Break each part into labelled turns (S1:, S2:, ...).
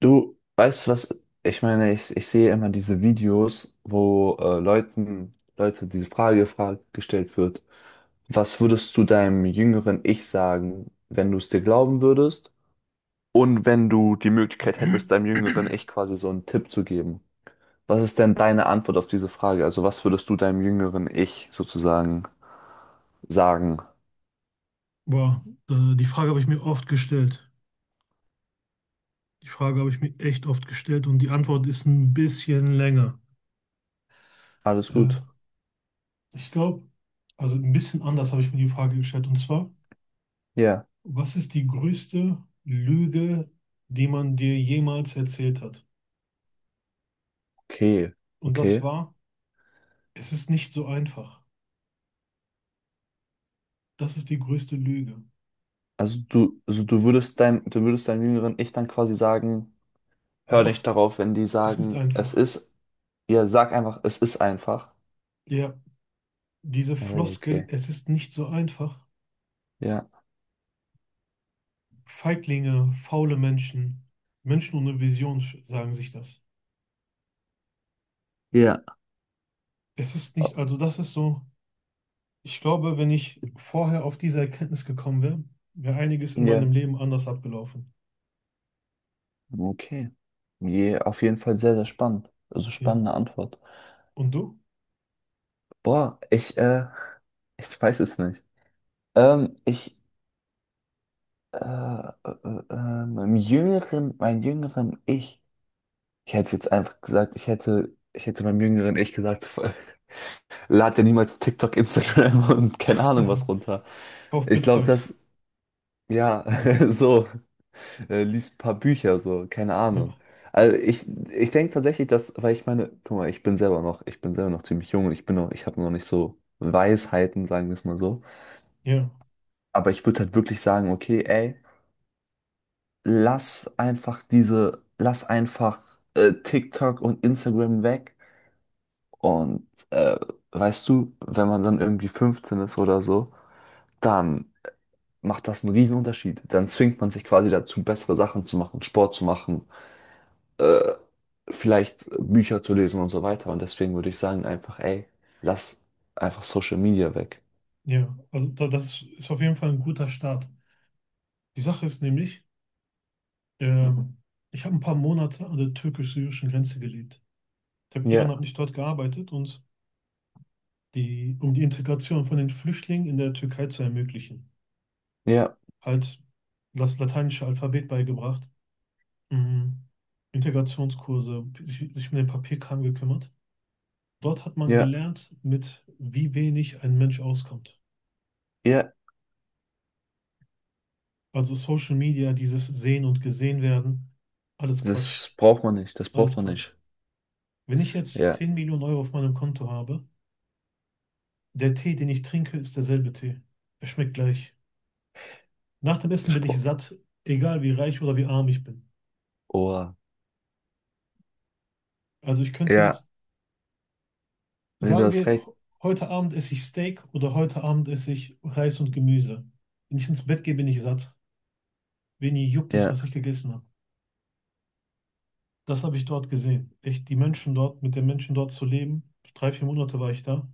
S1: Du weißt was, ich meine, ich sehe immer diese Videos, wo Leute diese Frage gestellt wird. Was würdest du deinem jüngeren Ich sagen, wenn du es dir glauben würdest? Und wenn du die Möglichkeit hättest, deinem jüngeren Ich quasi so einen Tipp zu geben. Was ist denn deine Antwort auf diese Frage? Also was würdest du deinem jüngeren Ich sozusagen sagen?
S2: Boah, die Frage habe ich mir oft gestellt. Die Frage habe ich mir echt oft gestellt und die Antwort ist ein bisschen länger.
S1: Alles
S2: Ja,
S1: gut.
S2: ich glaube, also ein bisschen anders habe ich mir die Frage gestellt. Und zwar,
S1: Ja.
S2: was ist die größte Lüge, die man dir jemals erzählt hat?
S1: Okay.
S2: Und das
S1: Okay.
S2: war, es ist nicht so einfach. Das ist die größte Lüge.
S1: Also du würdest du würdest deinem jüngeren Ich dann quasi sagen, hör
S2: Doch,
S1: nicht darauf, wenn die
S2: es ist
S1: sagen, es
S2: einfach.
S1: ist. Ja, sag einfach, es ist einfach.
S2: Ja, diese
S1: Oh,
S2: Floskel,
S1: okay.
S2: es ist nicht so einfach.
S1: Ja.
S2: Feiglinge, faule Menschen, Menschen ohne Vision sagen sich das.
S1: Ja.
S2: Es ist nicht,
S1: Oh,
S2: also das ist so, ich glaube, wenn ich vorher auf diese Erkenntnis gekommen wäre, wäre einiges in
S1: ja.
S2: meinem Leben anders abgelaufen.
S1: Okay. Je, auf jeden Fall sehr, sehr spannend. Also
S2: Ja.
S1: spannende Antwort.
S2: Und du?
S1: Boah, ich weiß es nicht. Ähm, ich, äh, äh, mein jüngeren Ich. Ich hätte jetzt einfach gesagt, ich hätte meinem jüngeren Ich gesagt, lad dir niemals TikTok, Instagram und keine Ahnung was runter.
S2: Kauf
S1: Ich glaube,
S2: Bitcoin.
S1: das, ja, so. Liest ein paar Bücher, so, keine
S2: Ja,
S1: Ahnung. Also ich denke tatsächlich, dass, weil ich meine, guck mal, ich bin selber noch ziemlich jung und ich bin noch, ich habe noch nicht so Weisheiten, sagen wir es mal so.
S2: ja,
S1: Aber ich würde halt wirklich sagen, okay, ey, lass einfach TikTok und Instagram weg. Und weißt du, wenn man dann irgendwie 15 ist oder so, dann macht das einen riesen Unterschied. Dann zwingt man sich quasi dazu, bessere Sachen zu machen, Sport zu machen, äh, vielleicht Bücher zu lesen und so weiter. Und deswegen würde ich sagen, einfach, ey, lass einfach Social Media weg.
S2: ja. Also da, das ist auf jeden Fall ein guter Start. Die Sache ist nämlich, ähm, ich habe ein paar Monate an der türkisch-syrischen Grenze gelebt. Ich habe
S1: Ja,
S2: ehrenamtlich dort gearbeitet und die, um die Integration von den Flüchtlingen in der Türkei zu ermöglichen.
S1: ja,
S2: Halt das lateinische Alphabet beigebracht. Mhm. Integrationskurse, sich um den Papierkram gekümmert. Dort hat man
S1: ja,
S2: gelernt, mit wie wenig ein Mensch auskommt.
S1: ja.
S2: Also Social Media, dieses Sehen und Gesehen werden, alles
S1: Das
S2: Quatsch,
S1: braucht man nicht, das braucht
S2: alles
S1: man
S2: Quatsch.
S1: nicht.
S2: Wenn ich jetzt
S1: Ja,
S2: 10 Millionen Euro auf meinem Konto habe, der Tee, den ich trinke, ist derselbe Tee. Er schmeckt gleich. Nach dem Essen bin ich
S1: Gespro
S2: satt, egal wie reich oder wie arm ich bin.
S1: oh,
S2: Also ich könnte
S1: ja,
S2: jetzt,
S1: nee, du
S2: sagen
S1: hast
S2: wir,
S1: recht.
S2: heute Abend esse ich Steak oder heute Abend esse ich Reis und Gemüse. Wenn ich ins Bett gehe, bin ich satt. Wenig juckt es,
S1: Ja,
S2: was ich gegessen habe. Das habe ich dort gesehen. Echt, die Menschen dort, mit den Menschen dort zu leben. Drei, vier Monate war ich da.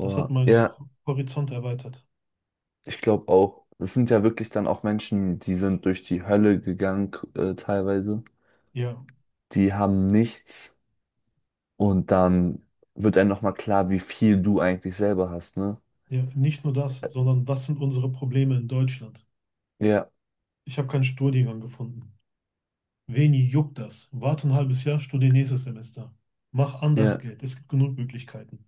S2: Das hat meinen
S1: ja,
S2: Horizont erweitert.
S1: ich glaube auch. Das sind ja wirklich dann auch Menschen, die sind durch die Hölle gegangen, teilweise.
S2: Ja,
S1: Die haben nichts und dann wird einem nochmal klar, wie viel du eigentlich selber hast, ne?
S2: ja, nicht nur das, sondern was sind unsere Probleme in Deutschland?
S1: Ja,
S2: Ich habe keinen Studiengang gefunden. Wenig juckt das. Warte ein halbes Jahr, studiere nächstes Semester. Mach anders
S1: ja,
S2: Geld. Es gibt genug Möglichkeiten.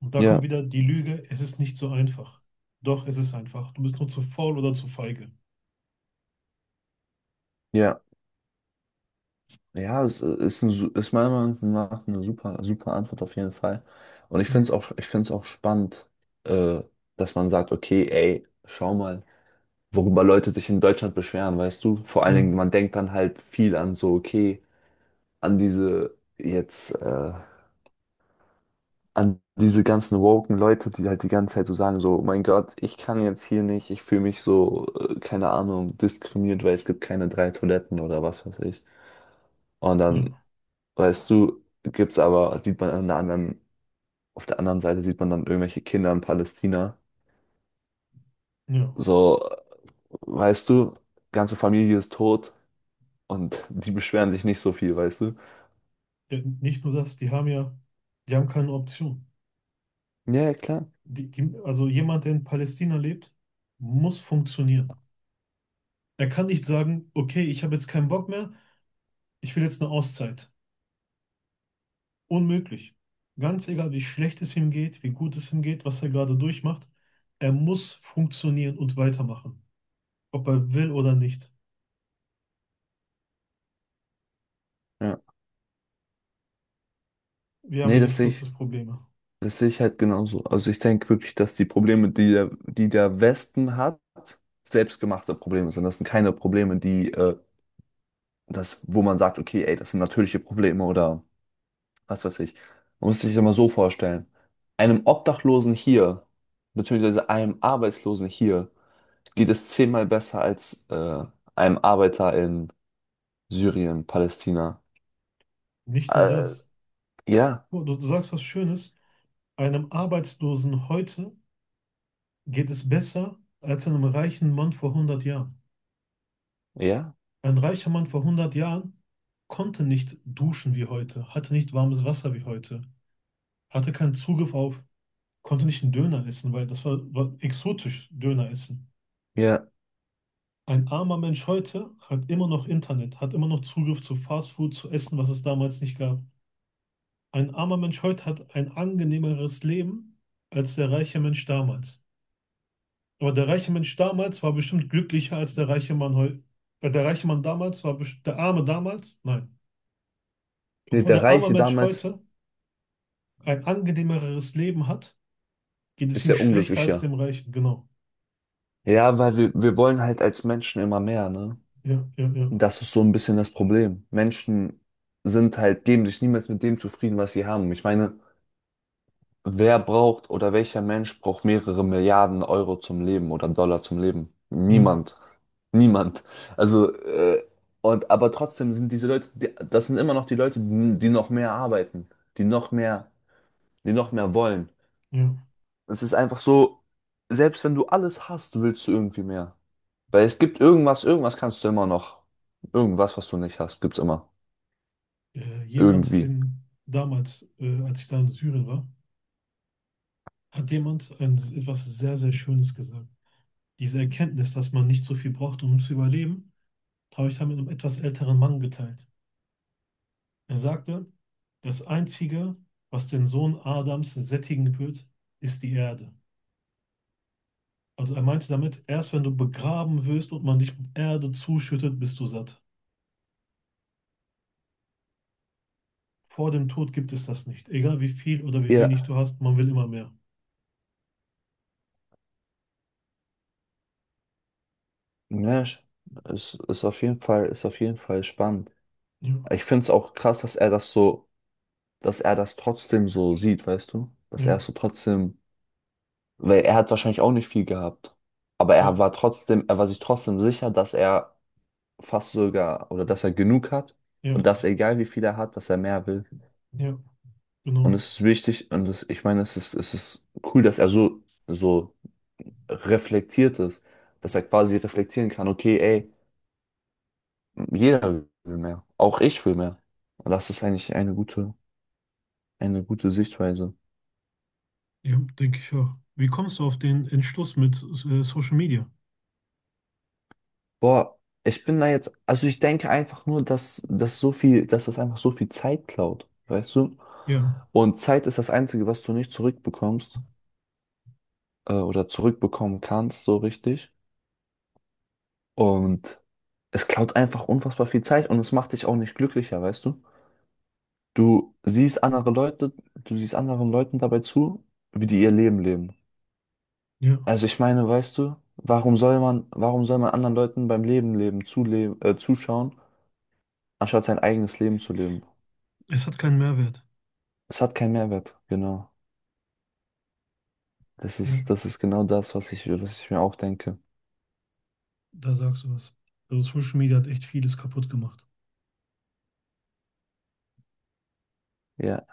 S2: Und da kommt
S1: ja,
S2: wieder die Lüge, es ist nicht so einfach. Doch, es ist einfach. Du bist nur zu faul oder zu feige.
S1: ja. Ja, es ist meiner Meinung nach eine super, super Antwort auf jeden Fall. Und ich
S2: Ja,
S1: finde es auch, ich finde es auch spannend, äh, dass man sagt, okay, ey, schau mal, worüber Leute sich in Deutschland beschweren, weißt du? Vor allen
S2: ja,
S1: Dingen, man denkt dann halt viel an so, okay, an diese jetzt, äh, an diese ganzen woken Leute, die halt die ganze Zeit so sagen, so, oh mein Gott, ich kann jetzt hier nicht, ich fühle mich so, keine Ahnung, diskriminiert, weil es gibt keine drei Toiletten oder was weiß ich. Und dann
S2: ja,
S1: weißt du, gibt's aber, sieht man an der anderen, auf der anderen Seite sieht man dann irgendwelche Kinder in Palästina.
S2: ja.
S1: So, weißt du, ganze Familie ist tot und die beschweren sich nicht so viel, weißt du?
S2: Ja, nicht nur das, die haben ja, die haben keine Option.
S1: Ja, ja, klar.
S2: Also jemand, der in Palästina lebt, muss funktionieren. Er kann nicht sagen, okay, ich habe jetzt keinen Bock mehr, ich will jetzt eine Auszeit. Unmöglich. Ganz egal, wie schlecht es ihm geht, wie gut es ihm geht, was er gerade durchmacht, er muss funktionieren und weitermachen. Ob er will oder nicht.
S1: Ja.
S2: Wir haben
S1: Nee,
S2: hier echt Luxusprobleme.
S1: das sehe ich halt genauso. Also ich denke wirklich, dass die Probleme, die der Westen hat, selbstgemachte Probleme sind. Das sind keine Probleme, wo man sagt, okay, ey, das sind natürliche Probleme oder was weiß ich. Man muss sich das mal so vorstellen. Einem Obdachlosen hier, beziehungsweise einem Arbeitslosen hier, geht es zehnmal besser als einem Arbeiter in Syrien, Palästina.
S2: Nicht nur
S1: Äh,
S2: das.
S1: ja,
S2: Du sagst was Schönes. Einem Arbeitslosen heute geht es besser als einem reichen Mann vor 100 Jahren.
S1: ja,
S2: Ein reicher Mann vor 100 Jahren konnte nicht duschen wie heute, hatte nicht warmes Wasser wie heute, hatte keinen Zugriff auf, konnte nicht einen Döner essen, weil das war exotisch, Döner essen.
S1: ja.
S2: Ein armer Mensch heute hat immer noch Internet, hat immer noch Zugriff zu Fastfood, zu Essen, was es damals nicht gab. Ein armer Mensch heute hat ein angenehmeres Leben als der reiche Mensch damals. Aber der reiche Mensch damals war bestimmt glücklicher als der reiche Mann heute. Der reiche Mann damals war der arme damals? Nein.
S1: Nee,
S2: Obwohl
S1: der
S2: der arme
S1: Reiche
S2: Mensch
S1: damals
S2: heute ein angenehmeres Leben hat, geht es
S1: ist
S2: ihm
S1: der
S2: schlechter als
S1: Unglücklicher.
S2: dem Reichen. Genau.
S1: Ja, weil wir wollen halt als Menschen immer mehr, ne?
S2: Ja, ja, ja,
S1: Das ist so ein bisschen das Problem. Menschen sind halt, geben sich niemals mit dem zufrieden, was sie haben. Ich meine, wer braucht oder welcher Mensch braucht mehrere Milliarden Euro zum Leben oder Dollar zum Leben?
S2: ja,
S1: Niemand. Niemand. Also, und aber trotzdem sind diese Leute, die, das sind immer noch die Leute, die die noch mehr arbeiten, die noch mehr, die noch mehr wollen.
S2: ja.
S1: Es ist einfach so, selbst wenn du alles hast, willst du irgendwie mehr. Weil es gibt irgendwas, irgendwas kannst du immer noch. Irgendwas, was du nicht hast, gibt's immer.
S2: Jemand
S1: Irgendwie.
S2: in damals, als ich da in Syrien war, hat jemand etwas sehr, sehr Schönes gesagt. Diese Erkenntnis, dass man nicht so viel braucht, um zu überleben, habe ich da mit einem etwas älteren Mann geteilt. Er sagte, das Einzige, was den Sohn Adams sättigen wird, ist die Erde. Also er meinte damit, erst wenn du begraben wirst und man dich mit Erde zuschüttet, bist du satt. Vor dem Tod gibt es das nicht. Egal wie viel oder wie wenig
S1: Ja,
S2: du hast, man will immer mehr.
S1: Mensch, es ist auf jeden Fall, ist auf jeden Fall spannend.
S2: Ja,
S1: Ich finde es auch krass, dass er das trotzdem so sieht, weißt du? Dass er es
S2: ja,
S1: so trotzdem, weil er hat wahrscheinlich auch nicht viel gehabt. Aber er
S2: ja,
S1: war trotzdem, er war sich trotzdem sicher, dass er fast sogar, oder dass er genug hat und
S2: ja,
S1: dass egal wie viel er hat, dass er mehr will.
S2: ja,
S1: Und
S2: genau.
S1: es ist wichtig, und es, ich meine, es ist cool, dass er so, so reflektiert ist, dass er quasi reflektieren kann, okay, ey, jeder will mehr, auch ich will mehr. Und das ist eigentlich eine gute Sichtweise.
S2: Ja, denke ich auch. Wie kommst du auf den Entschluss mit Social Media?
S1: Boah, ich bin da jetzt, also ich denke einfach nur, dass das einfach so viel Zeit klaut, weißt du?
S2: Ja,
S1: Und Zeit ist das Einzige, was du nicht zurückbekommst oder zurückbekommen kannst, so richtig. Und es klaut einfach unfassbar viel Zeit und es macht dich auch nicht glücklicher, weißt du? Du siehst andere Leute, du siehst anderen Leuten dabei zu, wie die ihr Leben leben.
S2: ja.
S1: Also ich meine, weißt du, warum soll man anderen Leuten beim Leben leben, zuschauen, anstatt sein eigenes Leben zu leben?
S2: Es hat keinen Mehrwert.
S1: Es hat keinen Mehrwert, genau.
S2: Ja,
S1: Das ist genau das, was ich mir auch denke.
S2: da sagst du was. Also Social Media hat echt vieles kaputt gemacht.
S1: Ja.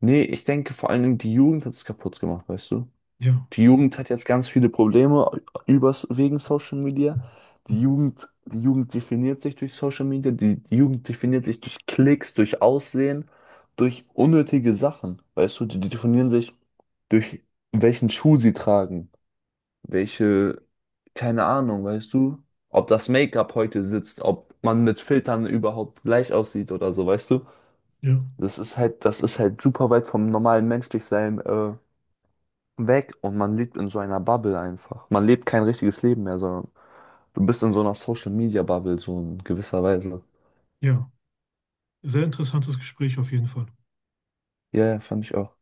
S1: Nee, ich denke vor allen Dingen, die Jugend hat es kaputt gemacht, weißt du?
S2: Ja,
S1: Die Jugend hat jetzt ganz viele Probleme wegen Social Media. Die Jugend definiert sich durch Social Media, die Jugend definiert sich durch Klicks, durch Aussehen, durch unnötige Sachen, weißt du? Die definieren sich durch welchen Schuh sie tragen, welche, keine Ahnung, weißt du, ob das Make-up heute sitzt, ob man mit Filtern überhaupt gleich aussieht oder so, weißt du?
S2: ja,
S1: Das ist halt super weit vom normalen Menschlichsein weg und man lebt in so einer Bubble einfach. Man lebt kein richtiges Leben mehr, sondern du bist in so einer Social-Media-Bubble, so in gewisser Weise.
S2: ja. Sehr interessantes Gespräch auf jeden Fall.
S1: Ja, ja, fand ich auch.